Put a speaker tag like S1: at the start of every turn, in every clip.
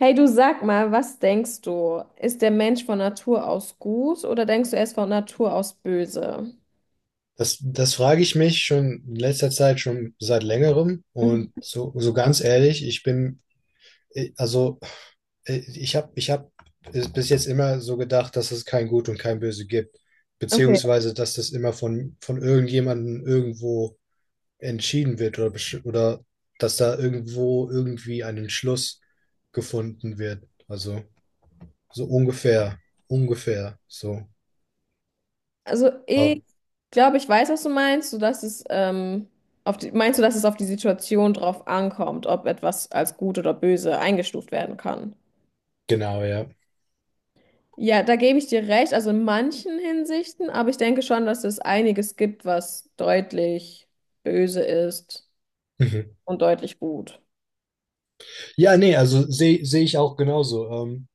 S1: Hey, du sag mal, was denkst du? Ist der Mensch von Natur aus gut oder denkst du, er ist von Natur aus böse?
S2: Das frage ich mich schon in letzter Zeit, schon seit längerem.
S1: Mhm.
S2: Und so ganz ehrlich, ich bin, also ich hab es bis jetzt immer so gedacht, dass es kein Gut und kein Böse gibt.
S1: Okay.
S2: Beziehungsweise, dass das immer von irgendjemandem irgendwo entschieden wird oder dass da irgendwo irgendwie ein Entschluss gefunden wird. Also so ungefähr, ungefähr so.
S1: Also ich glaube, ich weiß, was du meinst. So dass es auf die, meinst du, dass es auf die Situation drauf ankommt, ob etwas als gut oder böse eingestuft werden kann?
S2: Genau, ja.
S1: Ja, da gebe ich dir recht. Also in manchen Hinsichten, aber ich denke schon, dass es einiges gibt, was deutlich böse ist
S2: Mhm.
S1: und deutlich gut.
S2: Ja, nee, also sehe ich auch genauso.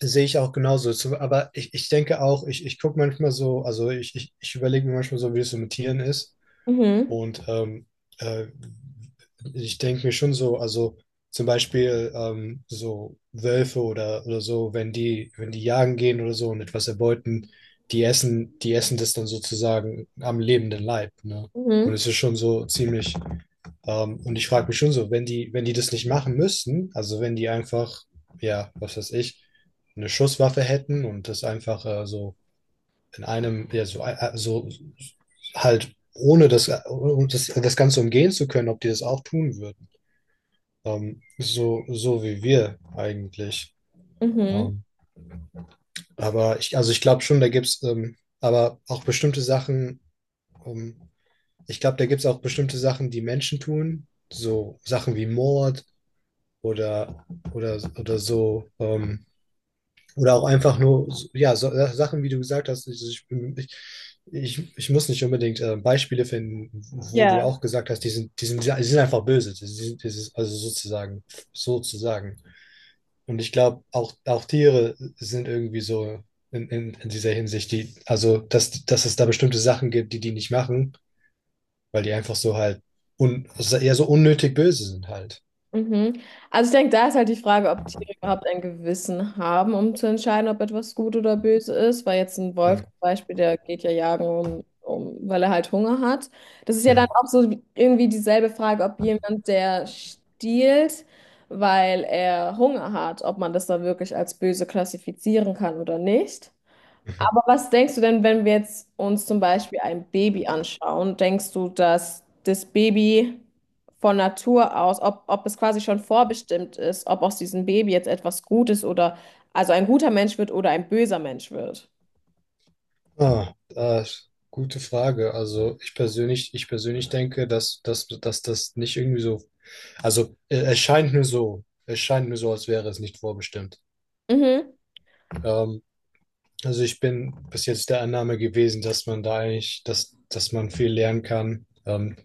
S2: Sehe ich auch genauso. Aber ich denke auch, ich gucke manchmal so, also ich überlege mir manchmal so, wie es so mit Tieren ist.
S1: Mhm.
S2: Und äh, ich denke mir schon so, also zum Beispiel so Wölfe oder so, wenn die jagen gehen oder so und etwas erbeuten, die essen das dann sozusagen am lebenden Leib, ne? Und
S1: Mhm.
S2: es ist schon so ziemlich, und ich frage mich schon so, wenn die das nicht machen müssten, also wenn die einfach, ja, was weiß ich, eine Schusswaffe hätten und das einfach so in einem, ja, so, so halt ohne das Ganze umgehen zu können, ob die das auch tun würden. So, so wie wir eigentlich.
S1: Mhm.
S2: Ähm, aber ich, also ich glaube schon, da gibt es aber auch bestimmte Sachen, ähm, ich glaube, da gibt es auch bestimmte Sachen, die Menschen tun, so Sachen wie Mord oder, oder so oder auch einfach nur, ja, so, Sachen, wie du gesagt hast, also ich, ich muss nicht unbedingt Beispiele finden, wo du
S1: Ja.
S2: auch gesagt hast, die sind einfach böse. Also sozusagen, sozusagen. Und ich glaube, auch, auch Tiere sind irgendwie so in dieser Hinsicht, die, also, dass es da bestimmte Sachen gibt, die die nicht machen, weil die einfach so halt also eher so unnötig böse sind halt.
S1: Mhm. Also ich denke, da ist halt die Frage, ob Tiere überhaupt ein Gewissen haben, um zu entscheiden, ob etwas gut oder böse ist. Weil jetzt ein Wolf
S2: Mhm.
S1: zum Beispiel, der geht ja jagen, weil er halt Hunger hat. Das ist ja dann
S2: Mhm.
S1: auch so wie- irgendwie dieselbe Frage, ob jemand, der stiehlt, weil er Hunger hat, ob man das dann wirklich als böse klassifizieren kann oder nicht.
S2: Mhm.
S1: Aber was denkst du denn, wenn wir jetzt uns zum Beispiel ein Baby anschauen? Denkst du, dass das Baby von Natur aus, ob es quasi schon vorbestimmt ist, ob aus diesem Baby jetzt etwas Gutes oder also ein guter Mensch wird oder ein böser Mensch wird?
S2: Ah, ah, Gute Frage. Also ich persönlich denke, dass das nicht irgendwie so, also es scheint mir so, es scheint mir so, als wäre es nicht vorbestimmt.
S1: Mhm.
S2: Ähm, also ich bin bis jetzt der Annahme gewesen, dass man da eigentlich, dass man viel lernen kann,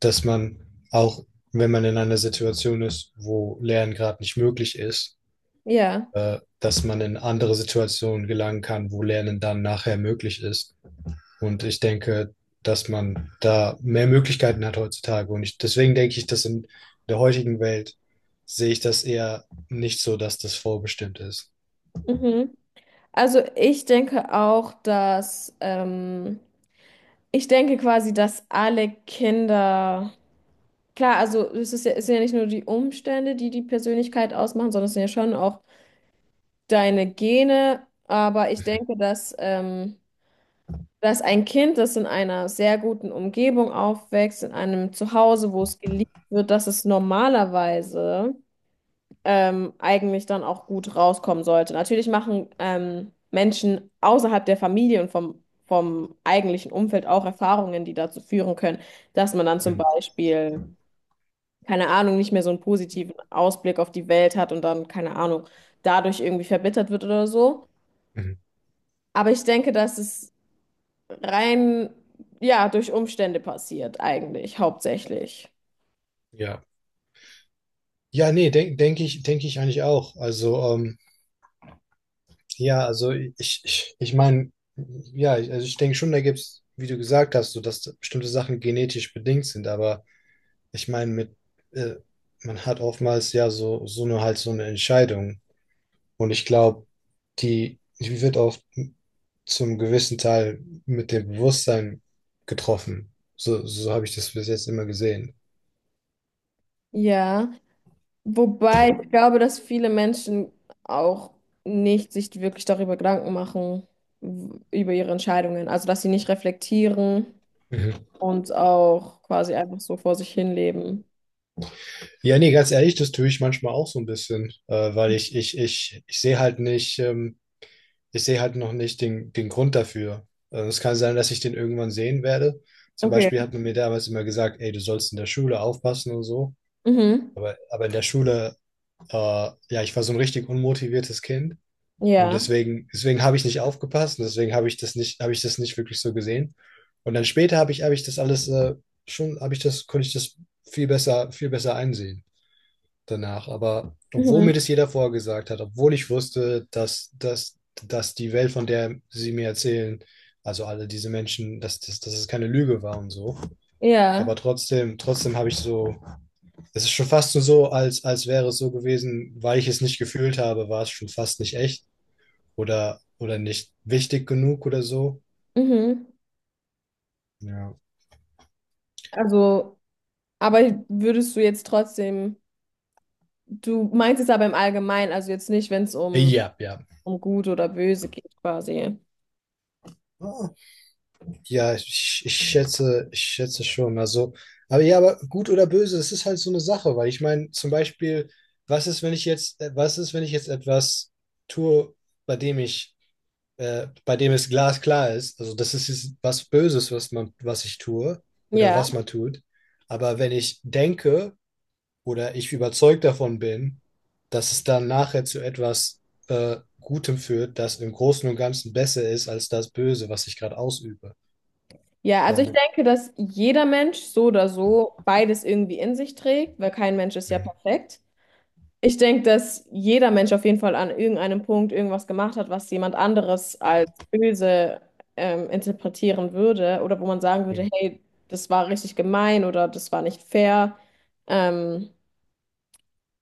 S2: dass man auch, wenn man in einer Situation ist, wo Lernen gerade nicht möglich ist,
S1: Ja.
S2: dass man in andere Situationen gelangen kann, wo Lernen dann nachher möglich ist. Und ich denke, dass man da mehr Möglichkeiten hat heutzutage. Und ich, deswegen denke ich, dass in der heutigen Welt sehe ich das eher nicht so, dass das vorbestimmt ist.
S1: Mhm. Also ich denke auch, dass ich denke quasi, dass alle Kinder klar, also es ist ja, es sind ja nicht nur die Umstände, die die Persönlichkeit ausmachen, sondern es sind ja schon auch deine Gene, aber ich denke, dass ein Kind, das in einer sehr guten Umgebung aufwächst, in einem Zuhause, wo es geliebt wird, dass es normalerweise eigentlich dann auch gut rauskommen sollte. Natürlich machen Menschen außerhalb der Familie und vom eigentlichen Umfeld auch Erfahrungen, die dazu führen können, dass man dann zum
S2: Mhm.
S1: Beispiel, keine Ahnung, nicht mehr so einen positiven Ausblick auf die Welt hat und dann, keine Ahnung, dadurch irgendwie verbittert wird oder so.
S2: Mhm.
S1: Aber ich denke, dass es rein, ja, durch Umstände passiert, eigentlich, hauptsächlich.
S2: Ja. Ja, nee, denke ich eigentlich auch. Also, ja, also ich meine, ja, also ich denke schon, da gibt es, wie du gesagt hast, so dass bestimmte Sachen genetisch bedingt sind, aber ich meine, äh, man hat oftmals ja so, so eine halt so eine Entscheidung. Und ich glaube, die wird auch zum gewissen Teil mit dem Bewusstsein getroffen. So, so habe ich das bis jetzt immer gesehen.
S1: Ja, wobei ich glaube, dass viele Menschen auch nicht sich wirklich darüber Gedanken machen, w- über ihre Entscheidungen. Also, dass sie nicht reflektieren
S2: Mhm.
S1: und auch quasi einfach so vor sich hin leben.
S2: Ja, nee, ganz ehrlich, das tue ich manchmal auch so ein bisschen, weil ich sehe halt nicht, ich sehe halt noch nicht den Grund dafür. Es kann sein, dass ich den irgendwann sehen werde. Zum
S1: Okay.
S2: Beispiel hat man mir damals immer gesagt, ey, du sollst in der Schule aufpassen und so.
S1: Mhm.
S2: Aber in der Schule, äh, ja, ich war so ein richtig unmotiviertes Kind. Und
S1: Ja.
S2: deswegen habe ich nicht aufgepasst und deswegen habe ich das nicht wirklich so gesehen. Und dann später habe ich das alles konnte ich das viel besser einsehen danach. Aber obwohl
S1: Mhm.
S2: mir das jeder vorgesagt hat, obwohl ich wusste, dass die Welt, von der sie mir erzählen, also alle diese Menschen, dass es keine Lüge war und so.
S1: Ja.
S2: Aber trotzdem habe ich so, es ist schon fast nur so, als wäre es so gewesen, weil ich es nicht gefühlt habe, war es schon fast nicht echt oder nicht wichtig genug oder so.
S1: Mhm.
S2: Ja.
S1: Also, aber würdest du jetzt trotzdem, du meinst es aber im Allgemeinen, also jetzt nicht, wenn es um
S2: Ja, ja.
S1: um gut oder böse geht quasi.
S2: Oh, ja, ich schätze schon. Also, aber ja, aber gut oder böse, das ist halt so eine Sache, weil ich meine, zum Beispiel, was ist, wenn ich jetzt, was ist, wenn ich jetzt etwas tue, bei dem ich, bei dem es glasklar ist? Also, das ist jetzt was Böses, was ich tue oder
S1: Ja,
S2: was man tut. Aber wenn ich denke, oder ich überzeugt davon bin, dass es dann nachher zu etwas Gutem führt, das im Großen und Ganzen besser ist als das Böse, was ich gerade ausübe.
S1: ja, also ich
S2: Ähm,
S1: denke, dass jeder Mensch so oder so beides irgendwie in sich trägt, weil kein Mensch ist ja
S2: mhm,
S1: perfekt. Ich denke, dass jeder Mensch auf jeden Fall an irgendeinem Punkt irgendwas gemacht hat, was jemand anderes als böse interpretieren würde oder wo man sagen
S2: mhm,
S1: würde, hey, das war richtig gemein oder das war nicht fair. Ähm,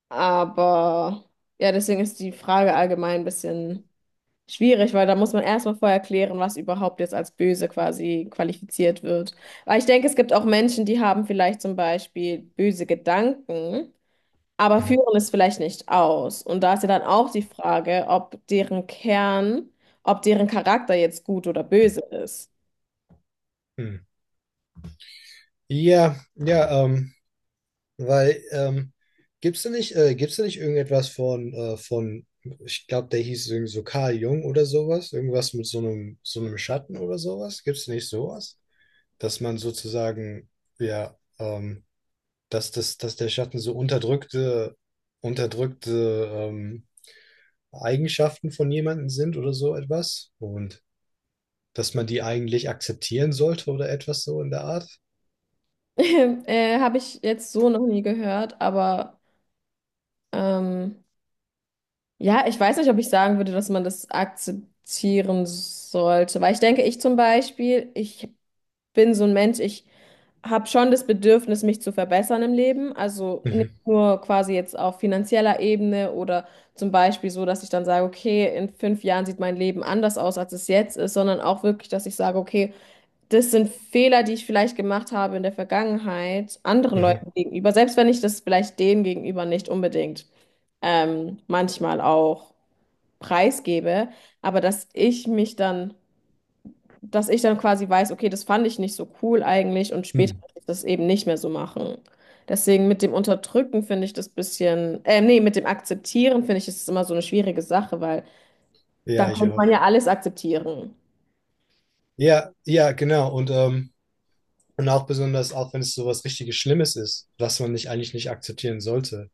S1: aber ja, deswegen ist die Frage allgemein ein bisschen schwierig, weil da muss man erstmal vorher klären, was überhaupt jetzt als böse quasi qualifiziert wird. Weil ich denke, es gibt auch Menschen, die haben vielleicht zum Beispiel böse Gedanken, aber
S2: mhm,
S1: führen es vielleicht nicht aus. Und da ist ja dann auch die Frage, ob deren Kern, ob deren Charakter jetzt gut oder böse ist.
S2: mhm. Ja, ja, weil gibt's da nicht irgendetwas von ich glaube, der hieß irgendwie so Carl Jung oder sowas, irgendwas mit so einem Schatten oder sowas? Gibt's da nicht sowas? Dass man sozusagen, ja, dass der Schatten so unterdrückte Eigenschaften von jemandem sind oder so etwas. Und dass man die eigentlich akzeptieren sollte oder etwas so in der Art.
S1: Habe ich jetzt so noch nie gehört, aber ähm, ja, ich weiß nicht, ob ich sagen würde, dass man das akzeptieren sollte. Weil ich denke, ich zum Beispiel, ich bin so ein Mensch, ich habe schon das Bedürfnis, mich zu verbessern im Leben. Also nicht
S2: Mhm.
S1: nur quasi jetzt auf finanzieller Ebene oder zum Beispiel so, dass ich dann sage, okay, in 5 Jahren sieht mein Leben anders aus, als es jetzt ist, sondern auch wirklich, dass ich sage, okay, das sind Fehler, die ich vielleicht gemacht habe in der Vergangenheit, anderen
S2: Mhm.
S1: Leuten gegenüber, selbst wenn ich das vielleicht denen gegenüber nicht unbedingt manchmal auch preisgebe, aber dass ich mich dann dass ich dann quasi weiß, okay, das fand ich nicht so cool eigentlich und später
S2: Hm.
S1: möchte ich das eben nicht mehr so machen. Deswegen mit dem Unterdrücken finde ich das bisschen, nee, mit dem Akzeptieren finde ich, ist es immer so eine schwierige Sache, weil
S2: Ja,
S1: dann
S2: ich
S1: könnte man
S2: auch.
S1: ja alles akzeptieren.
S2: Ja, ja, genau. Und auch besonders, auch wenn es so was richtiges Schlimmes ist, was man nicht eigentlich nicht akzeptieren sollte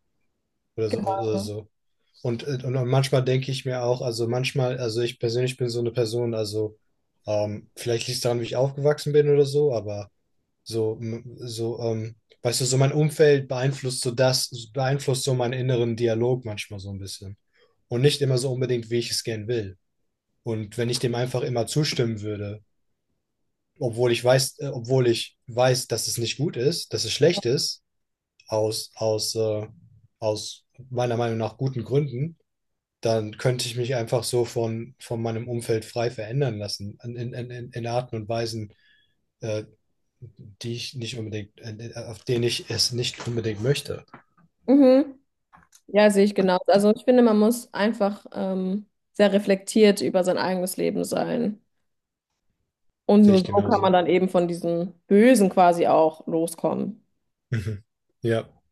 S2: oder so oder so. Und manchmal denke ich mir auch, also manchmal, also ich persönlich bin so eine Person, also vielleicht liegt es daran, wie ich aufgewachsen bin oder so, aber so, so, weißt du, so mein Umfeld beeinflusst beeinflusst so meinen inneren Dialog manchmal so ein bisschen. Und nicht immer so unbedingt, wie ich es gern will. Und wenn ich dem einfach immer zustimmen würde, obwohl ich weiß, dass es nicht gut ist, dass es schlecht ist, aus, aus, äh, aus meiner Meinung nach guten Gründen, dann könnte ich mich einfach so von meinem Umfeld frei verändern lassen, in Arten und Weisen, äh, die ich nicht unbedingt, auf denen ich es nicht unbedingt möchte.
S1: Mhm. Ja, sehe ich genau. Also ich finde, man muss einfach sehr reflektiert über sein eigenes Leben sein. Und
S2: Sehe
S1: nur
S2: ich
S1: so kann man
S2: genauso.
S1: dann eben von diesem Bösen quasi auch loskommen.
S2: Mhm. Ja.